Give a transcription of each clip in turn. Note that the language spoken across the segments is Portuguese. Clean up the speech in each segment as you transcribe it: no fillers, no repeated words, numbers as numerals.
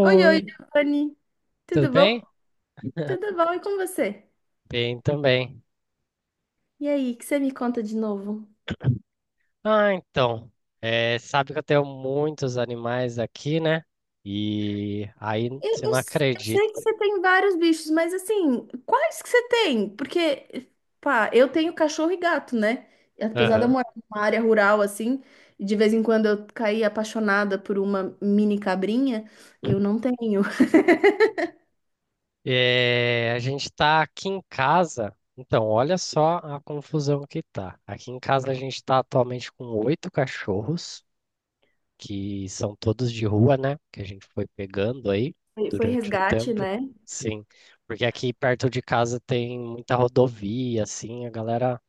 Oi, oi, Giovanni. tudo Tudo bom? bem? Tudo bom? E com você? Bem também. E aí, o que você me conta de novo? Ah, então, é, sabe que eu tenho muitos animais aqui, né? E aí Eu, você eu não eu sei que acredita. você tem vários bichos, mas assim, quais que você tem? Porque, pá, eu tenho cachorro e gato, né? E apesar de eu Aham. morar numa área rural, assim, e de vez em quando eu caí apaixonada por uma mini cabrinha, eu não tenho. É, a gente tá aqui em casa. Então, olha só a confusão que tá. Aqui em casa a gente tá atualmente com oito cachorros, que são todos de rua, né? Que a gente foi pegando aí Foi, foi durante o resgate, tempo. né? Sim, porque aqui perto de casa tem muita rodovia, assim, a galera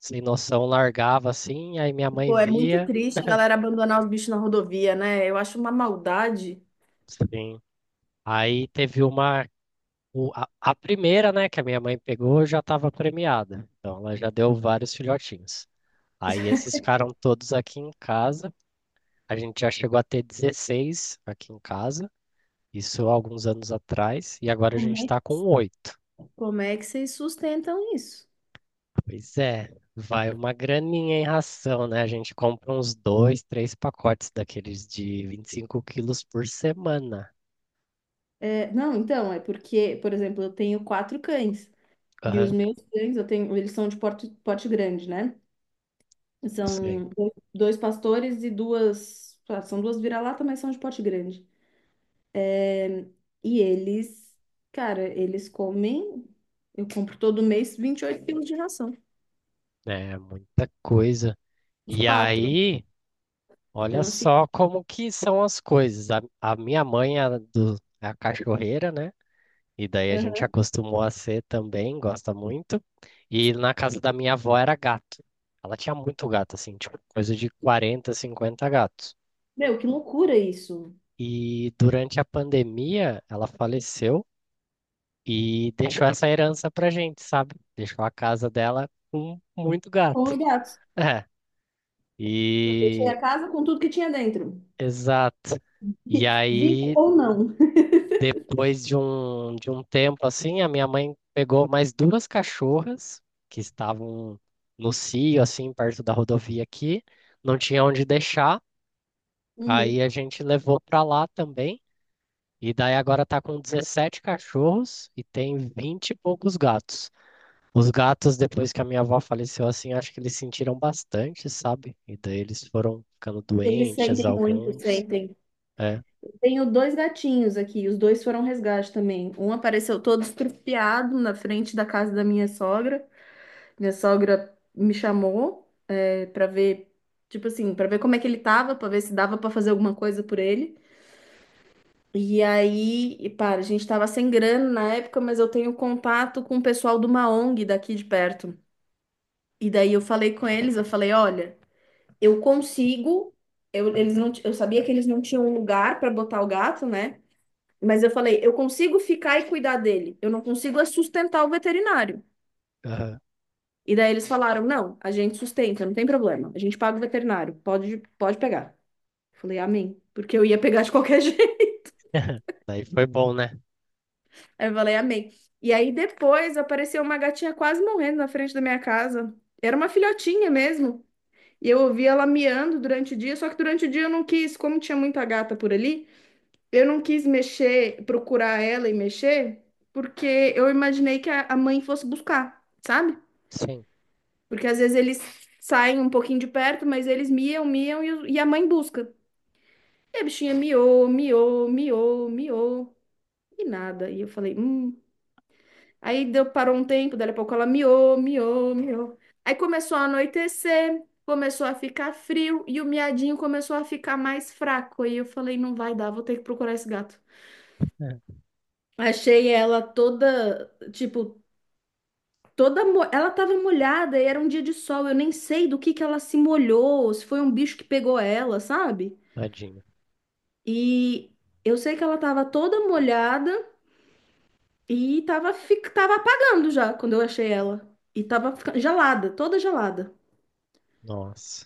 sem noção, largava assim, aí minha mãe Pô, é muito via. triste a galera abandonar os bichos na rodovia, né? Eu acho uma maldade. Sim. Aí teve uma. A primeira, né, que a minha mãe pegou já estava premiada. Então ela já deu vários filhotinhos. Aí esses ficaram todos aqui em casa. A gente já chegou a ter 16 aqui em casa. Isso há alguns anos atrás. E agora a Como gente é, está com oito. como é que vocês sustentam isso? Pois é, vai uma graninha em ração, né? A gente compra uns dois, três pacotes daqueles de 25 quilos por semana. É, não, então, é porque, por exemplo, eu tenho quatro cães. E os Aham, meus cães, eu tenho, eles são de porte, porte grande, né? sim. São dois pastores e duas. São duas vira-lata, mas são de porte grande. É, E eles, cara, eles comem. Eu compro todo mês 28 quilos de ração. É muita coisa. Os E quatro. aí, olha Então, assim. só como que são as coisas. A minha mãe é a cachorreira, né? E daí a gente Aham. acostumou a ser também, gosta muito. E na casa da minha avó era gato. Ela tinha muito gato, assim, tipo, coisa de 40 50 gatos. Meu, que loucura isso. E durante a pandemia, ela faleceu e deixou essa herança pra gente, sabe? Deixou a casa dela com muito Com os gato. gatos. É. Eu deixei E. a casa com tudo que tinha dentro. Exato. E Vivo aí, ou não. depois de um tempo assim, a minha mãe pegou mais duas cachorras que estavam no cio, assim, perto da rodovia aqui, não tinha onde deixar. Uhum. Aí a gente levou para lá também. E daí agora tá com 17 cachorros e tem 20 e poucos gatos. Os gatos, depois que a minha avó faleceu, assim, acho que eles sentiram bastante, sabe? E daí eles foram ficando Eles doentes, sentem muito, alguns. sentem. É. Tenho dois gatinhos aqui, os dois foram resgate também. Um apareceu todo estrupiado na frente da casa da minha sogra. Minha sogra me chamou para ver, tipo assim, para ver como é que ele tava, para ver se dava para fazer alguma coisa por ele. E aí, e para, a gente tava sem grana na época, mas eu tenho contato com o pessoal de uma ONG daqui de perto. E daí eu falei com eles, eu falei, olha, eu consigo, eles não, eu sabia que eles não tinham um lugar para botar o gato, né? Mas eu falei, eu consigo ficar e cuidar dele. Eu não consigo é sustentar o veterinário. Aham. E daí eles falaram, não, a gente sustenta, não tem problema. A gente paga o veterinário, pode pegar. Eu falei, amém. Porque eu ia pegar de qualquer jeito. Daí foi bom, né? Aí eu falei, amém. E aí depois apareceu uma gatinha quase morrendo na frente da minha casa. Era uma filhotinha mesmo. E eu ouvi ela miando durante o dia, só que durante o dia eu não quis, como tinha muita gata por ali, eu não quis mexer, procurar ela e mexer, porque eu imaginei que a mãe fosse buscar, sabe? Sim. Porque às vezes eles saem um pouquinho de perto, mas eles miam, miam e, e a mãe busca. E a bichinha miou, miou, miou, miou e nada. E eu falei. Aí deu, parou um tempo, daí a pouco ela miou, miou, miou. Aí começou a anoitecer, começou a ficar frio e o miadinho começou a ficar mais fraco. Aí eu falei, não vai dar, vou ter que procurar esse gato. É. Achei ela toda, tipo, Ela tava molhada e era um dia de sol. Eu nem sei do que ela se molhou, se foi um bicho que pegou ela, sabe? Tadinho. E eu sei que ela tava toda molhada e tava, tava apagando já quando eu achei ela. E tava gelada, toda gelada. Nossa.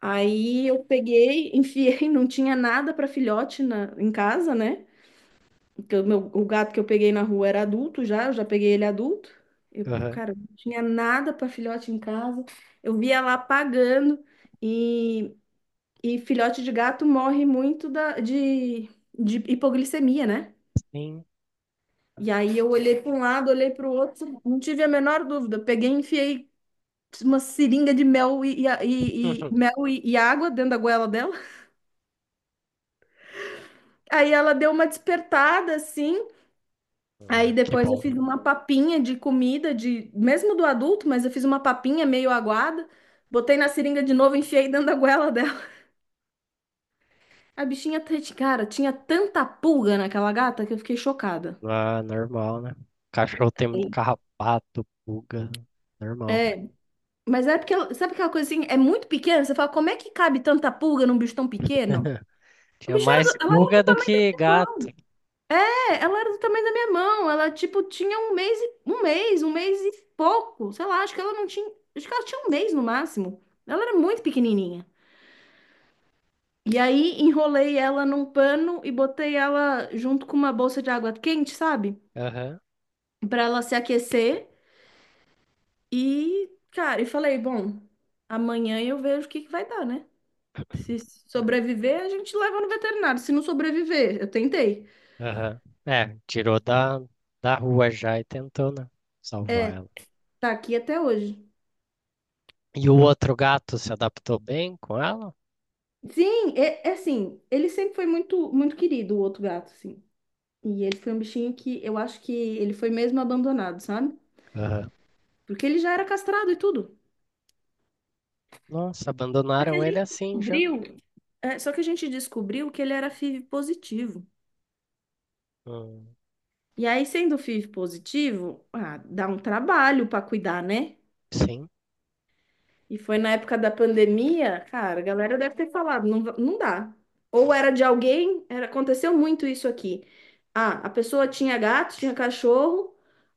Aí eu peguei, enfiei, não tinha nada para filhote em casa, né? Porque o gato que eu peguei na rua era adulto já, eu já peguei ele adulto. Eu, Aham. cara, não tinha nada para filhote em casa. Eu via lá pagando e, e filhote de gato morre muito de hipoglicemia, né? Sim. E aí eu olhei para um lado, olhei para o outro, não tive a menor dúvida. Peguei, e enfiei uma seringa de mel mel e água dentro da goela dela. Aí ela deu uma despertada assim. Uhum. Ah, Aí que depois eu fiz bom. uma papinha de comida, de mesmo do adulto, mas eu fiz uma papinha meio aguada, botei na seringa de novo, enfiei dentro da goela dela. A bichinha, tá- cara, tinha tanta pulga naquela gata que eu fiquei chocada. Ah, normal, né? Cachorro tem muito Sim. carrapato, pulga. Normal. É, mas é porque, sabe aquela coisa assim, é muito pequena, você fala, como é que cabe tanta pulga num bicho tão pequeno? O Tinha bicho era do, mais ela era pulga do do tamanho da que minha gato. mão, é, ela era do tamanho da minha mão, ela, tipo, tinha um mês e pouco, sei lá, acho que ela tinha um mês no máximo, ela era muito pequenininha. E aí enrolei ela num pano e botei ela junto com uma bolsa de água quente, sabe? Aham. Pra ela se aquecer. E, cara, e falei, bom, amanhã eu vejo o que que vai dar, né? Se sobreviver, a gente leva no veterinário. Se não sobreviver, eu tentei. Aham. É, tirou da rua já e tentou, né? Salvar ela. Tá aqui até hoje. E o outro gato se adaptou bem com ela? Sim, é, é assim, ele sempre foi muito, muito querido, o outro gato, assim. E ele foi um bichinho que eu acho que ele foi mesmo abandonado, sabe? Aham. Porque ele já era castrado e tudo. Nossa, Só que a abandonaram ele gente assim já. descobriu É, só que a gente descobriu que ele era FIV positivo. Hum, E aí, sendo FIV positivo, ah, dá um trabalho para cuidar, né? sim. E foi na época da pandemia, cara, a galera deve ter falado, não, não dá. Ou era de alguém, era, aconteceu muito isso aqui. Ah, a pessoa tinha gato, tinha cachorro,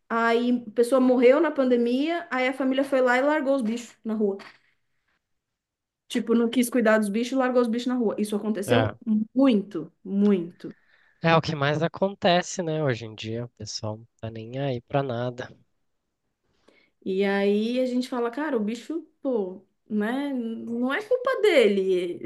aí a pessoa morreu na pandemia, aí a família foi lá e largou os bichos na rua. Tipo, não quis cuidar dos bichos, largou os bichos na rua. Isso aconteceu muito, muito. É o que mais acontece, né? Hoje em dia, o pessoal não tá nem aí pra nada, E aí a gente fala, cara, o bicho, pô, né? Não é culpa dele.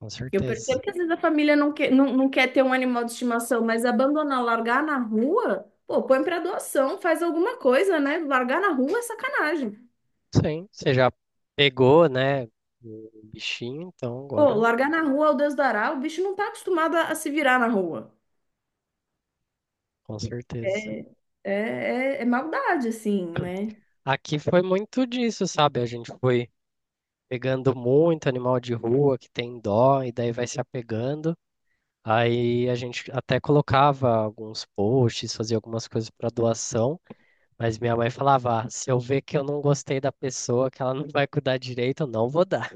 com Eu percebo certeza. que às vezes a família não quer, não quer ter um animal de estimação, mas abandonar, largar na rua, pô, põe pra doação, faz alguma coisa, né? Largar na rua é sacanagem. Sim, você já pegou, né, o bichinho, então Pô, agora, largar na rua, o Deus dará, o bicho não tá acostumado a se virar na rua. com certeza. É, é, é maldade, assim, né? Aqui foi muito disso, sabe? A gente foi pegando muito animal de rua que tem dó, e daí vai se apegando. Aí a gente até colocava alguns posts, fazia algumas coisas para doação, mas minha mãe falava: "Ah, se eu ver que eu não gostei da pessoa, que ela não vai cuidar direito, eu não vou dar.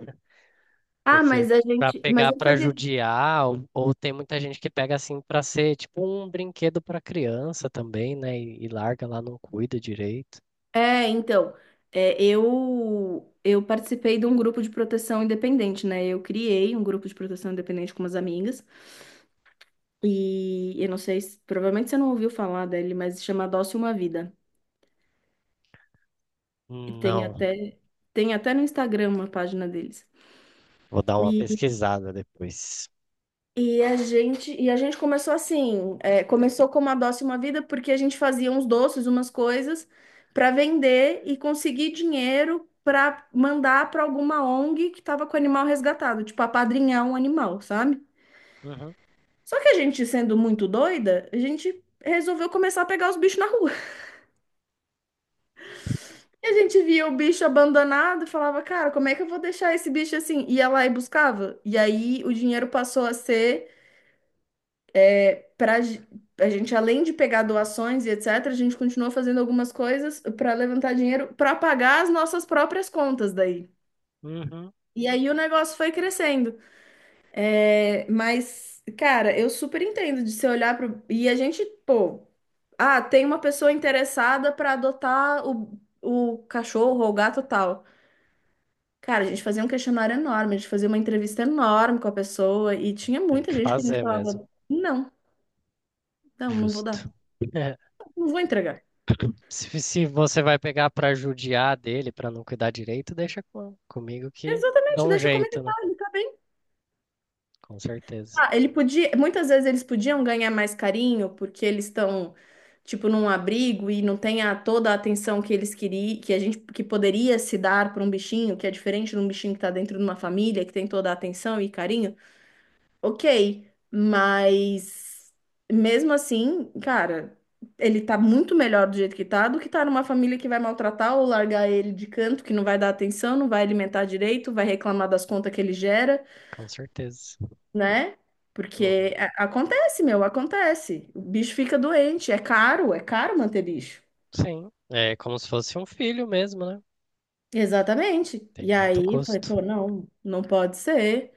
Ah, Porque mas a pra gente. Mas pegar eu pra fazia. judiar, ou tem muita gente que pega assim pra ser tipo um brinquedo pra criança também, né? E larga lá, não cuida direito. É, então, é, eu participei de um grupo de proteção independente, né? Eu criei um grupo de proteção independente com umas amigas e eu não sei se, provavelmente você não ouviu falar dele, mas se chama Adoce Uma Vida. E tem Não, até tem até no Instagram uma página deles. vou dar uma pesquisada depois. E a gente começou assim, é, começou como a Doce Uma Vida, porque a gente fazia uns doces, umas coisas para vender e conseguir dinheiro para mandar para alguma ONG que estava com o animal resgatado, tipo apadrinhar um animal, sabe? Uhum, Só que a gente, sendo muito doida, a gente resolveu começar a pegar os bichos na rua. E a gente via o bicho abandonado e falava, cara, como é que eu vou deixar esse bicho assim? Ia lá e buscava. E aí o dinheiro passou a ser para a gente, além de pegar doações e etc., a gente continua fazendo algumas coisas para levantar dinheiro para pagar as nossas próprias contas daí. uhum. E aí o negócio foi crescendo. É, mas, cara, eu super entendo de você olhar pro. E a gente, pô, ah, tem uma pessoa interessada para adotar o cachorro ou o gato tal. Cara, a gente fazia um questionário enorme, a gente fazia uma entrevista enorme com a pessoa e tinha Tem muita que gente que a gente fazer mesmo, falava, não, não vou justo. dar, É, não vou entregar. se você vai pegar pra judiar dele, pra não cuidar direito, deixa comigo que dá Exatamente, um deixa como jeito, né? ele tá bem. Com certeza, Ah, ele podia, muitas vezes eles podiam ganhar mais carinho porque eles estão tipo num abrigo e não tem a, toda a atenção que eles queriam, que a gente que poderia se dar para um bichinho, que é diferente de um bichinho que tá dentro de uma família, que tem toda a atenção e carinho. OK, mas mesmo assim, cara, ele tá muito melhor do jeito que tá do que tá numa família que vai maltratar ou largar ele de canto, que não vai dar atenção, não vai alimentar direito, vai reclamar das contas que ele gera. com certeza. Né? Porque Uhum. Acontece, meu, acontece. O bicho fica doente, é caro manter bicho. Sim, é como se fosse um filho mesmo, né? Exatamente. Tem E muito aí, falei, custo. pô, não pode ser.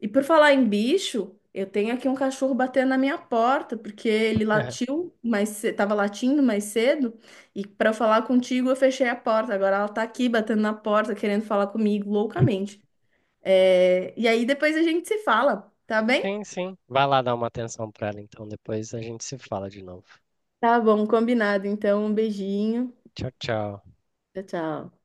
E por falar em bicho, eu tenho aqui um cachorro batendo na minha porta, porque ele latiu, mas tava latindo mais cedo, e para falar contigo eu fechei a porta. Agora ela tá aqui batendo na porta, querendo falar comigo loucamente. É, e aí depois a gente se fala, tá bem? Sim, sim. Vai lá dar uma atenção pra ela, então. Depois a gente se fala de novo. Tá bom, combinado. Então, um beijinho. Tchau, tchau. Tchau, tchau.